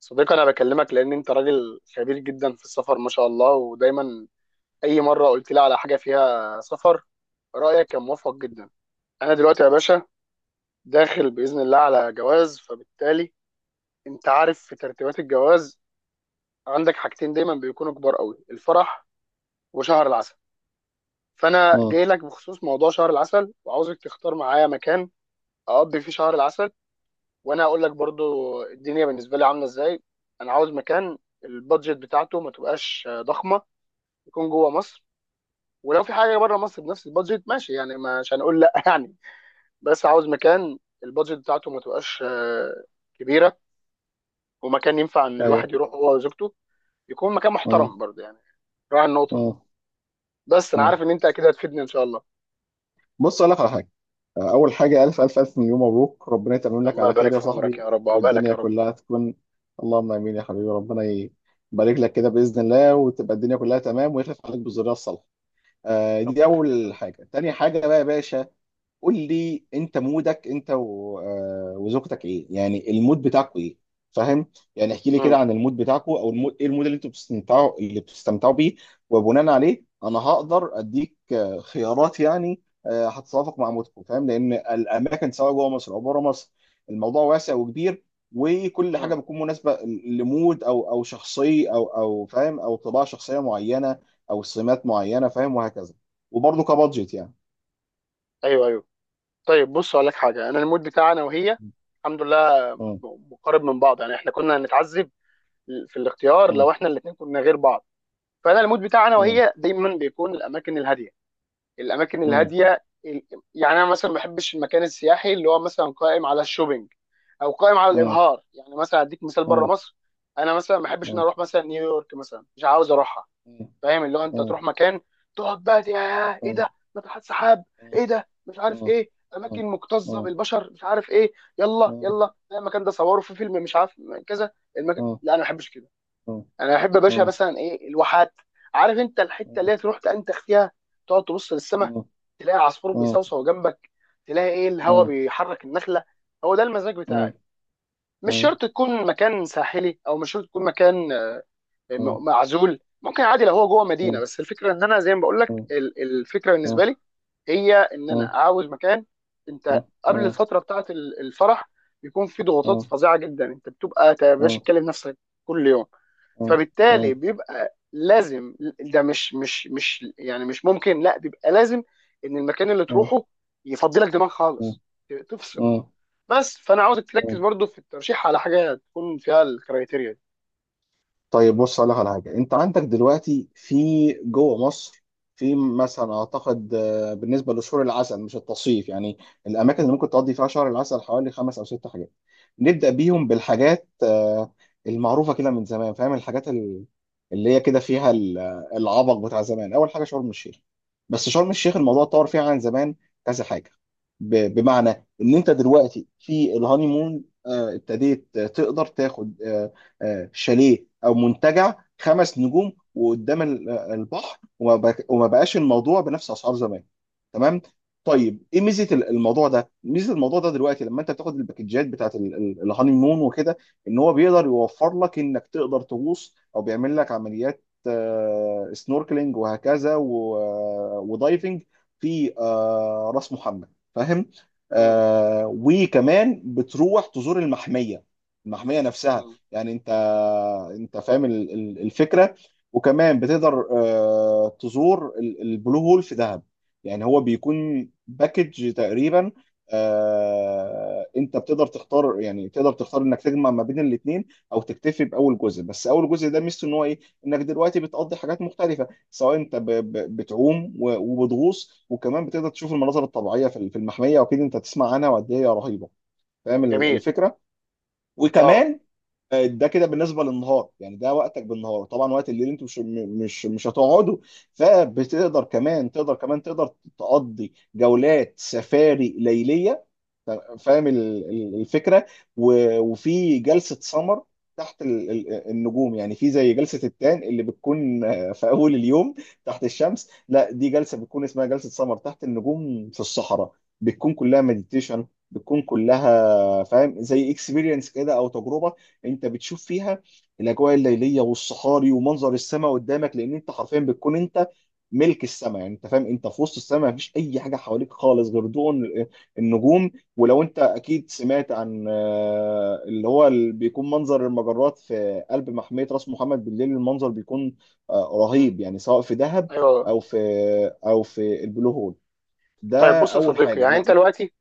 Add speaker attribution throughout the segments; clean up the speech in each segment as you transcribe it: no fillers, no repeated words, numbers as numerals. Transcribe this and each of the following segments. Speaker 1: صديقي انا بكلمك لان انت راجل خبير جدا في السفر، ما شاء الله. ودايما اي مره قلت لي على حاجه فيها سفر، رايك كان موفق جدا. انا دلوقتي يا باشا داخل باذن الله على جواز، فبالتالي انت عارف في ترتيبات الجواز عندك حاجتين دايما بيكونوا كبار قوي: الفرح وشهر العسل. فانا
Speaker 2: اه.
Speaker 1: جاي لك بخصوص موضوع شهر العسل وعاوزك تختار معايا مكان اقضي فيه شهر العسل. وانا هقول لك برضو الدنيا بالنسبه لي عامله ازاي. انا عاوز مكان البادجت بتاعته ما تبقاش ضخمه، يكون جوه مصر، ولو في حاجه بره مصر بنفس البادجت ماشي يعني، مش هنقول لا يعني. بس عاوز مكان البادجت بتاعته ما تبقاش كبيره، ومكان ينفع ان
Speaker 2: ايوه.
Speaker 1: الواحد يروح هو وزوجته، يكون مكان
Speaker 2: اه.
Speaker 1: محترم برضه يعني. راعي النقطه دي.
Speaker 2: اه.
Speaker 1: بس انا
Speaker 2: اه.
Speaker 1: عارف ان انت اكيد هتفيدني ان شاء الله.
Speaker 2: بص، اقول لك على حاجه. اول حاجه، الف الف الف مليون مبروك، ربنا يتمم لك
Speaker 1: الله
Speaker 2: على
Speaker 1: يبارك
Speaker 2: خير يا
Speaker 1: في عمرك يا
Speaker 2: صاحبي،
Speaker 1: رب وعقبالك يا
Speaker 2: والدنيا
Speaker 1: رب.
Speaker 2: كلها تكون. اللهم امين يا حبيبي. ربنا يبارك لك كده باذن الله، وتبقى الدنيا كلها تمام، ويخلف عليك بالذريه الصالحه. دي
Speaker 1: ربنا يخليك يا
Speaker 2: اول
Speaker 1: رب.
Speaker 2: حاجه. تاني حاجه بقى يا باشا، قول لي انت مودك انت وزوجتك ايه، يعني المود بتاعكوا ايه؟ فاهم؟ يعني احكي لي كده
Speaker 1: مم.
Speaker 2: عن المود بتاعكوا، او المود ايه، المود اللي انتوا بتستمتعوا اللي بتستمتعوا بيه. وبناء عليه انا هقدر اديك خيارات، يعني هتتوافق مع مودكوا. فاهم؟ لان الاماكن سواء جوه مصر او بره مصر، الموضوع واسع وكبير، وكل حاجه
Speaker 1: مم.
Speaker 2: بتكون مناسبه لمود، او شخصيه، او فاهم، او طباع شخصيه معينه، او سمات معينه، فاهم، وهكذا، وبرضه كبادجت يعني.
Speaker 1: ايوه ايوه. طيب، بص اقول لك حاجه، انا المود بتاعنا وهي الحمد لله
Speaker 2: م-
Speaker 1: مقارب من بعض، يعني احنا كنا هنتعذب في الاختيار
Speaker 2: م-
Speaker 1: لو احنا الاثنين كنا غير بعض. فانا المود بتاعي انا
Speaker 2: اه.
Speaker 1: وهي دايما بيكون الاماكن الهاديه، الاماكن
Speaker 2: اه.
Speaker 1: الهاديه يعني انا مثلا ما بحبش المكان السياحي اللي هو مثلا قائم على الشوبينج او قائم على
Speaker 2: اه.
Speaker 1: الابهار. يعني مثلا اديك مثال بره
Speaker 2: اه.
Speaker 1: مصر: انا مثلا ما بحبش ان أنا
Speaker 2: اه.
Speaker 1: اروح مثلا نيويورك، مثلا مش عاوز اروحها.
Speaker 2: اه.
Speaker 1: فاهم؟ اللي هو انت
Speaker 2: اه.
Speaker 1: تروح مكان تقعد بقى يا ايه
Speaker 2: اه.
Speaker 1: ده، ناطحات سحاب، ايه
Speaker 2: اه.
Speaker 1: ده مش عارف
Speaker 2: اه.
Speaker 1: ايه،
Speaker 2: اه.
Speaker 1: اماكن مكتظه
Speaker 2: اه.
Speaker 1: بالبشر، مش عارف ايه، يلا يلا لا، المكان ده صوروا في فيلم مش عارف كذا. المكان،
Speaker 2: اه.
Speaker 1: لا انا ما بحبش كده.
Speaker 2: اه.
Speaker 1: انا احب يا باشا
Speaker 2: اه.
Speaker 1: مثلا ايه، الواحات. عارف انت الحته اللي هي تروح تنتخ فيها، تقعد تبص
Speaker 2: اه.
Speaker 1: للسماء، تلاقي عصفور
Speaker 2: اه. اه.
Speaker 1: بيصوصو جنبك، تلاقي ايه الهواء بيحرك النخله. هو ده المزاج بتاعي. مش
Speaker 2: اه.
Speaker 1: شرط تكون مكان ساحلي او مش شرط تكون مكان
Speaker 2: اه. اه.
Speaker 1: معزول، ممكن عادي لو هو جوه مدينه،
Speaker 2: اه.
Speaker 1: بس الفكره ان انا زي ما بقول لك الفكره
Speaker 2: اه.
Speaker 1: بالنسبه
Speaker 2: اه.
Speaker 1: لي هي ان
Speaker 2: اه.
Speaker 1: انا
Speaker 2: اه.
Speaker 1: عاوز مكان. انت
Speaker 2: اه.
Speaker 1: قبل الفتره بتاعه الفرح يكون في ضغوطات
Speaker 2: اه.
Speaker 1: فظيعه جدا، انت بتبقى يا باشا
Speaker 2: اه.
Speaker 1: تكلم نفسك كل يوم.
Speaker 2: اه. اه.
Speaker 1: فبالتالي
Speaker 2: اه.
Speaker 1: بيبقى لازم، ده مش يعني مش ممكن، لا بيبقى لازم ان المكان اللي
Speaker 2: اه.
Speaker 1: تروحه يفضلك دماغ خالص، تفصل. بس فانا عاوزك تركز
Speaker 2: اه.
Speaker 1: برضو في الترشيح على حاجه تكون فيها الكرايتيريا دي.
Speaker 2: طيب، بص اقول لك على حاجه. انت عندك دلوقتي في جوه مصر، في مثلا اعتقد، بالنسبه لشهور العسل مش التصيف يعني، الاماكن اللي ممكن تقضي فيها شهر العسل حوالي 5 أو 6 حاجات. نبدا بيهم
Speaker 1: م-
Speaker 2: بالحاجات المعروفه كده من زمان، فاهم، الحاجات اللي هي كده فيها العبق بتاع زمان. اول حاجه، شرم الشيخ. بس شرم الشيخ
Speaker 1: م-
Speaker 2: الموضوع اتطور فيها عن زمان كذا حاجه، بمعنى ان انت دلوقتي في الهانيمون ابتديت تقدر تاخد شاليه او منتجع 5 نجوم، وقدام البحر، وما بقاش الموضوع بنفس اسعار زمان. تمام؟ طيب، ايه ميزه الموضوع ده، ميزه الموضوع ده دلوقتي، لما انت بتاخد الباكجات بتاعت الهاني مون وكده، ان هو بيقدر يوفر لك انك تقدر تغوص، او بيعمل لك عمليات سنوركلينج وهكذا، ودايفنج في راس محمد. فاهم؟
Speaker 1: م-
Speaker 2: وكمان بتروح تزور المحميه، المحميه نفسها،
Speaker 1: م.
Speaker 2: يعني انت فاهم الفكره. وكمان بتقدر تزور البلو هول في دهب. يعني هو بيكون باكج تقريبا، انت بتقدر تختار، يعني تقدر تختار انك تجمع ما بين الاثنين، او تكتفي باول جزء. بس اول جزء ده ميزته ان هو ايه؟ انك دلوقتي بتقضي حاجات مختلفه، سواء انت بتعوم وبتغوص، وكمان بتقدر تشوف المناظر الطبيعيه في المحميه، واكيد انت تسمع عنها وقد ايه هي رهيبه. فاهم
Speaker 1: جميل.
Speaker 2: الفكره؟
Speaker 1: اه.
Speaker 2: وكمان، ده كده بالنسبه للنهار يعني، ده وقتك بالنهار. طبعا وقت الليل انتوا مش هتقعدوا، فبتقدر كمان، تقدر تقضي جولات سفاري ليليه. فاهم الفكره؟ وفي جلسه سمر تحت النجوم. يعني في زي جلسه التان اللي بتكون في اول اليوم تحت الشمس، لا، دي جلسه بتكون اسمها جلسه سمر تحت النجوم في الصحراء. بتكون كلها مديتيشن، بتكون كلها فاهم زي اكسبيرينس كده او تجربه. انت بتشوف فيها الاجواء الليليه والصحاري ومنظر السماء قدامك، لان انت حرفيا بتكون انت ملك السماء، يعني انت فاهم، انت في وسط السماء، مفيش اي حاجه حواليك خالص غير ضوء النجوم. ولو انت اكيد سمعت عن اللي بيكون منظر المجرات في قلب محمية راس محمد بالليل، المنظر بيكون
Speaker 1: م.
Speaker 2: رهيب يعني، سواء في دهب،
Speaker 1: ايوه.
Speaker 2: او في او في البلو هول.
Speaker 1: طيب
Speaker 2: ده
Speaker 1: بص يا
Speaker 2: اول
Speaker 1: صديقي،
Speaker 2: حاجة
Speaker 1: يعني
Speaker 2: انا.
Speaker 1: انت دلوقتي،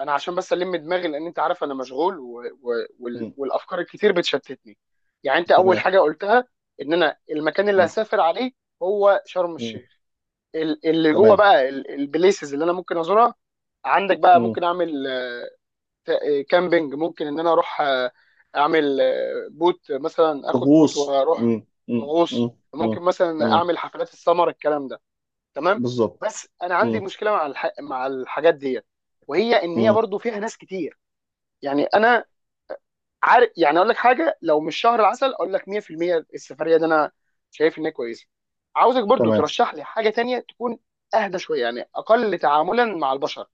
Speaker 1: انا عشان بس الم دماغي لان انت عارف انا مشغول،
Speaker 2: مم.
Speaker 1: والافكار الكتير بتشتتني. يعني انت اول
Speaker 2: تمام.
Speaker 1: حاجه قلتها ان انا المكان اللي
Speaker 2: مم.
Speaker 1: هسافر عليه هو شرم
Speaker 2: مم.
Speaker 1: الشيخ، اللي جوه
Speaker 2: تمام.
Speaker 1: بقى البليسز اللي انا ممكن ازورها عندك بقى.
Speaker 2: مم.
Speaker 1: ممكن اعمل كامبينج، ممكن ان انا اروح اعمل بوت، مثلا اخد بوت
Speaker 2: طقوس.
Speaker 1: واروح
Speaker 2: مم. مم.
Speaker 1: غوص،
Speaker 2: مم. مم.
Speaker 1: ممكن مثلا
Speaker 2: مم.
Speaker 1: اعمل حفلات السمر، الكلام ده. تمام.
Speaker 2: بالظبط.
Speaker 1: بس انا عندي
Speaker 2: مم.
Speaker 1: مشكله مع مع الحاجات ديت، وهي ان هي
Speaker 2: مم.
Speaker 1: برضو فيها ناس كتير. يعني انا عارف، يعني اقول لك حاجه، لو مش شهر العسل اقول لك 100% السفريه دي انا شايف انها كويسه. عاوزك برضو
Speaker 2: تمام.
Speaker 1: ترشح لي حاجه تانية تكون اهدى شويه، يعني اقل تعاملا مع البشر.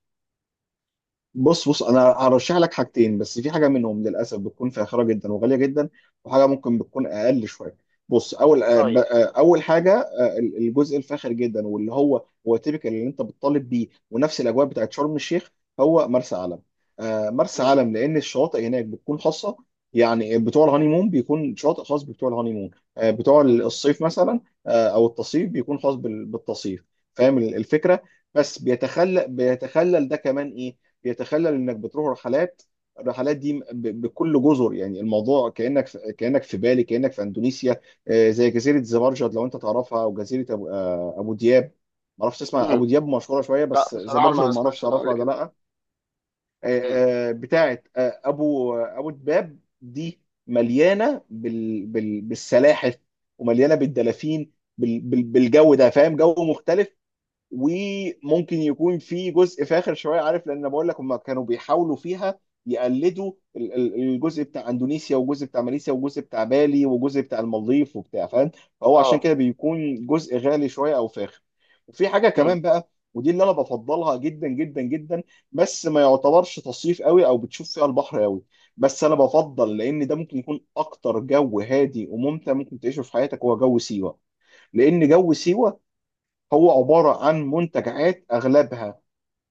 Speaker 2: بص، انا هرشح لك حاجتين، بس في حاجه منهم للاسف بتكون فاخره جدا وغاليه جدا، وحاجه ممكن بتكون اقل شويه. بص،
Speaker 1: طيب.
Speaker 2: اول حاجه، الجزء الفاخر جدا، واللي هو تيبيكال اللي انت بتطالب بيه، ونفس الاجواء بتاعت شرم الشيخ، هو مرسى علم. مرسى
Speaker 1: مم.
Speaker 2: علم، لان الشواطئ هناك بتكون خاصه، يعني بتوع الهانيمون بيكون شاطئ خاص بتوع الهانيمون، بتوع
Speaker 1: مم.
Speaker 2: الصيف مثلا، او التصيف بيكون خاص بالتصيف. فاهم الفكره؟ بس بيتخلل ده كمان ايه، يتخلل انك بتروح رحلات، الرحلات دي بكل جزر، يعني الموضوع كانك في، بالي، كانك في اندونيسيا. زي جزيره زبرجد لو انت تعرفها، او جزيره ابو, آه، أبو دياب، ما اعرفش تسمع
Speaker 1: مم.
Speaker 2: ابو دياب، مشهوره شويه،
Speaker 1: لا
Speaker 2: بس
Speaker 1: بصراحه
Speaker 2: زبرجد
Speaker 1: ما
Speaker 2: ما اعرفش
Speaker 1: سمعتش، انا
Speaker 2: تعرفها
Speaker 1: اقول
Speaker 2: ولا
Speaker 1: كده.
Speaker 2: لا.
Speaker 1: مم.
Speaker 2: آه، بتاعه ابو دباب دي، مليانه بالسلاحف ومليانه بالدلافين، بالجو ده، فاهم، جو مختلف. وممكن يكون في جزء فاخر شويه، عارف، لان أنا بقول لك هم كانوا بيحاولوا فيها يقلدوا الجزء بتاع اندونيسيا، والجزء بتاع ماليزيا، والجزء بتاع بالي، والجزء بتاع المالديف، وبتاع، فاهم، فهو عشان
Speaker 1: اه.
Speaker 2: كده بيكون جزء غالي شويه او فاخر. وفي حاجه
Speaker 1: مم.
Speaker 2: كمان بقى، ودي اللي انا بفضلها جدا جدا جدا، بس ما يعتبرش تصيف قوي او بتشوف فيها البحر قوي، بس انا بفضل، لان ده ممكن يكون اكتر جو هادي وممتع ممكن تعيشه في حياتك، هو جو سيوه. لان جو سيوه هو عبارة عن منتجعات أغلبها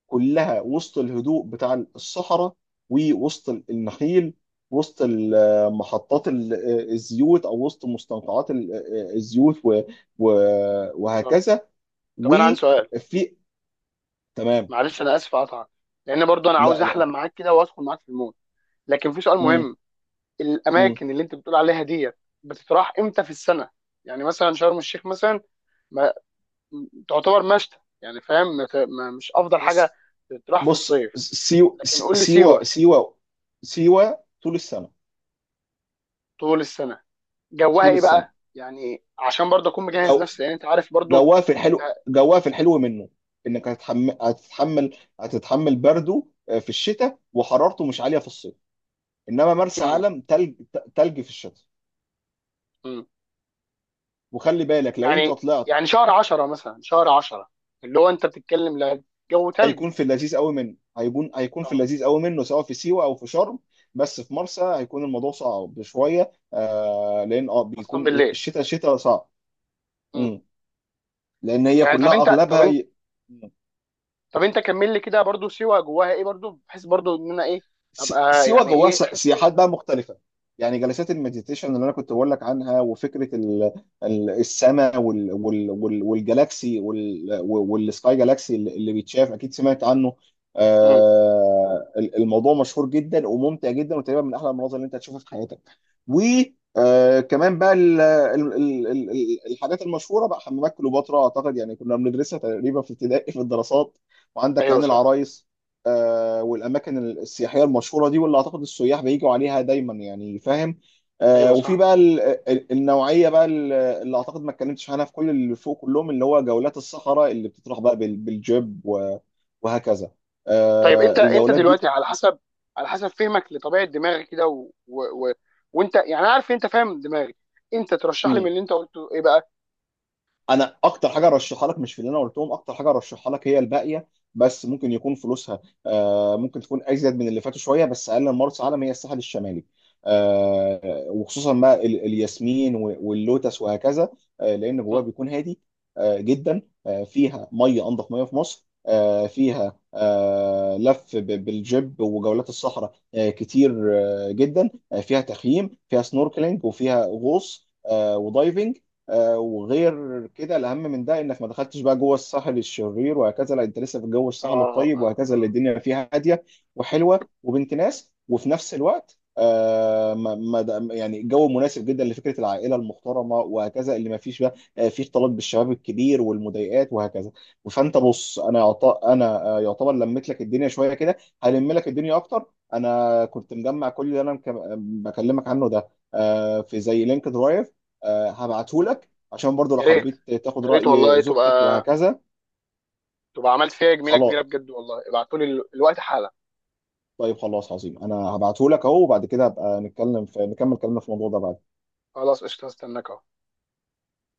Speaker 2: كلها وسط الهدوء بتاع الصحراء، ووسط النخيل، وسط محطات الزيوت، أو وسط مستنقعات الزيوت،
Speaker 1: طب
Speaker 2: وهكذا.
Speaker 1: طب انا عندي سؤال،
Speaker 2: وفي. تمام.
Speaker 1: معلش انا اسف اقطعك، لان برضو انا
Speaker 2: لا،
Speaker 1: عاوز
Speaker 2: لا.
Speaker 1: احلم معاك كده وادخل معاك في المود، لكن في سؤال
Speaker 2: مم.
Speaker 1: مهم.
Speaker 2: مم.
Speaker 1: الاماكن اللي انت بتقول عليها ديت بتتراح امتى في السنه؟ يعني مثلا شرم الشيخ مثلا تعتبر مشتى يعني، فاهم؟ ما ت- ما- مش افضل حاجه
Speaker 2: بص
Speaker 1: تروح في
Speaker 2: بص،
Speaker 1: الصيف. لكن قول لي سيوه،
Speaker 2: سيوة. سيوة طول السنة.
Speaker 1: طول السنه جوها
Speaker 2: طول
Speaker 1: ايه
Speaker 2: السنة.
Speaker 1: بقى؟ يعني عشان برضه اكون مجهز
Speaker 2: جو
Speaker 1: نفسي، لان انت عارف برضه انت.
Speaker 2: جواه في الحلو منه، انك هتتحمل برده، في الشتاء، وحرارته مش عاليه في الصيف. انما مرسى
Speaker 1: مم.
Speaker 2: علم تلج، تلج في الشتاء.
Speaker 1: مم.
Speaker 2: وخلي بالك، لو انت
Speaker 1: يعني
Speaker 2: طلعت
Speaker 1: يعني شهر 10 مثلا، شهر 10 اللي هو انت بتتكلم، لا جو تلج؟
Speaker 2: هيكون في اللذيذ قوي منه، هيكون في
Speaker 1: اه.
Speaker 2: اللذيذ قوي منه، سواء في سيوه او في شرم، بس في مرسى هيكون الموضوع صعب شويه، لان،
Speaker 1: خاصه
Speaker 2: بيكون
Speaker 1: بالليل.
Speaker 2: الشتاء شتاء صعب.
Speaker 1: مم.
Speaker 2: مم. لان هي
Speaker 1: يعني
Speaker 2: كلها اغلبها
Speaker 1: طب انت كمل لي كده برضه، سيوه جواها ايه برضه، بحيث برضه ان انا ايه ابقى
Speaker 2: سيوة
Speaker 1: يعني
Speaker 2: جواها
Speaker 1: ايه خدت.
Speaker 2: سياحات بقى مختلفة. يعني جلسات المديتيشن اللي انا كنت بقول لك عنها، وفكرة السماء، والجالاكسي، والسكاي جالاكسي اللي بيتشاف، اكيد سمعت عنه.
Speaker 1: مم.
Speaker 2: الموضوع مشهور جدا وممتع جدا، وتقريبا من احلى المناظر اللي انت هتشوفها في حياتك. وكمان بقى الحاجات المشهورة بقى، حمامات كليوباترا، اعتقد يعني كنا بندرسها تقريبا في ابتدائي في الدراسات، وعندك
Speaker 1: ايوه
Speaker 2: عين
Speaker 1: صح.
Speaker 2: العرايس، والاماكن السياحيه المشهوره دي، واللي اعتقد السياح بيجوا عليها دايما يعني، فاهم،
Speaker 1: ايوه
Speaker 2: وفي
Speaker 1: صح.
Speaker 2: بقى النوعيه بقى، اللي اعتقد ما اتكلمتش عنها في كل اللي فوق كلهم، اللي هو جولات الصحراء اللي بتطرح بقى بالجيب وهكذا،
Speaker 1: طيب انت
Speaker 2: الجولات
Speaker 1: دلوقتي على حسب، على حسب فهمك لطبيعه دماغي كده، وانت يعني انا عارف ان انت فاهم دماغي، انت ترشح
Speaker 2: دي.
Speaker 1: لي من اللي انت قلته ايه بقى؟
Speaker 2: انا اكتر حاجه ارشحها لك مش في اللي انا قلتهم، اكتر حاجه ارشحها لك هي الباقيه، بس ممكن يكون فلوسها ممكن تكون ازيد من اللي فاتوا شويه، بس اقل من مرسى علم، هي الساحل الشمالي. وخصوصا بقى الياسمين واللوتس وهكذا. لان جواها
Speaker 1: مم.
Speaker 2: بيكون هادي جدا، فيها ميه انضف ميه في مصر، فيها لف بالجيب وجولات الصحراء كتير جدا، فيها تخييم، فيها سنوركلينج، وفيها غوص ودايفنج. وغير كده، الاهم من ده انك ما دخلتش بقى جوه الساحل الشرير وهكذا، لا، انت لسه في جو الساحل
Speaker 1: اه
Speaker 2: الطيب
Speaker 1: اه
Speaker 2: وهكذا، اللي
Speaker 1: اه.
Speaker 2: الدنيا فيها هاديه وحلوه وبنت ناس، وفي نفس الوقت آه ما ما د- يعني جو مناسب جدا لفكره العائله المحترمه وهكذا، اللي ما فيش بقى فيه اختلاط بالشباب الكبير والمضايقات وهكذا. فانت بص، انا يعتبر لميت لك الدنيا شويه كده، هلم لك الدنيا اكتر. انا كنت مجمع كل اللي انا بكلمك عنه ده في زي لينك درايف، هبعته
Speaker 1: مم.
Speaker 2: لك، عشان برضو لو
Speaker 1: يا ريت،
Speaker 2: حبيت تاخد
Speaker 1: يا ريت والله،
Speaker 2: رأي زوجتك
Speaker 1: تبقى
Speaker 2: وهكذا.
Speaker 1: عملت فيها جميله كبيره
Speaker 2: خلاص.
Speaker 1: بجد والله. ابعتولي الوقت حالا.
Speaker 2: طيب، خلاص، عظيم، انا هبعته لك اهو، وبعد كده هبقى نتكلم نكمل كلامنا في الموضوع ده بعد.
Speaker 1: خلاص قشطه، هستناك اهو.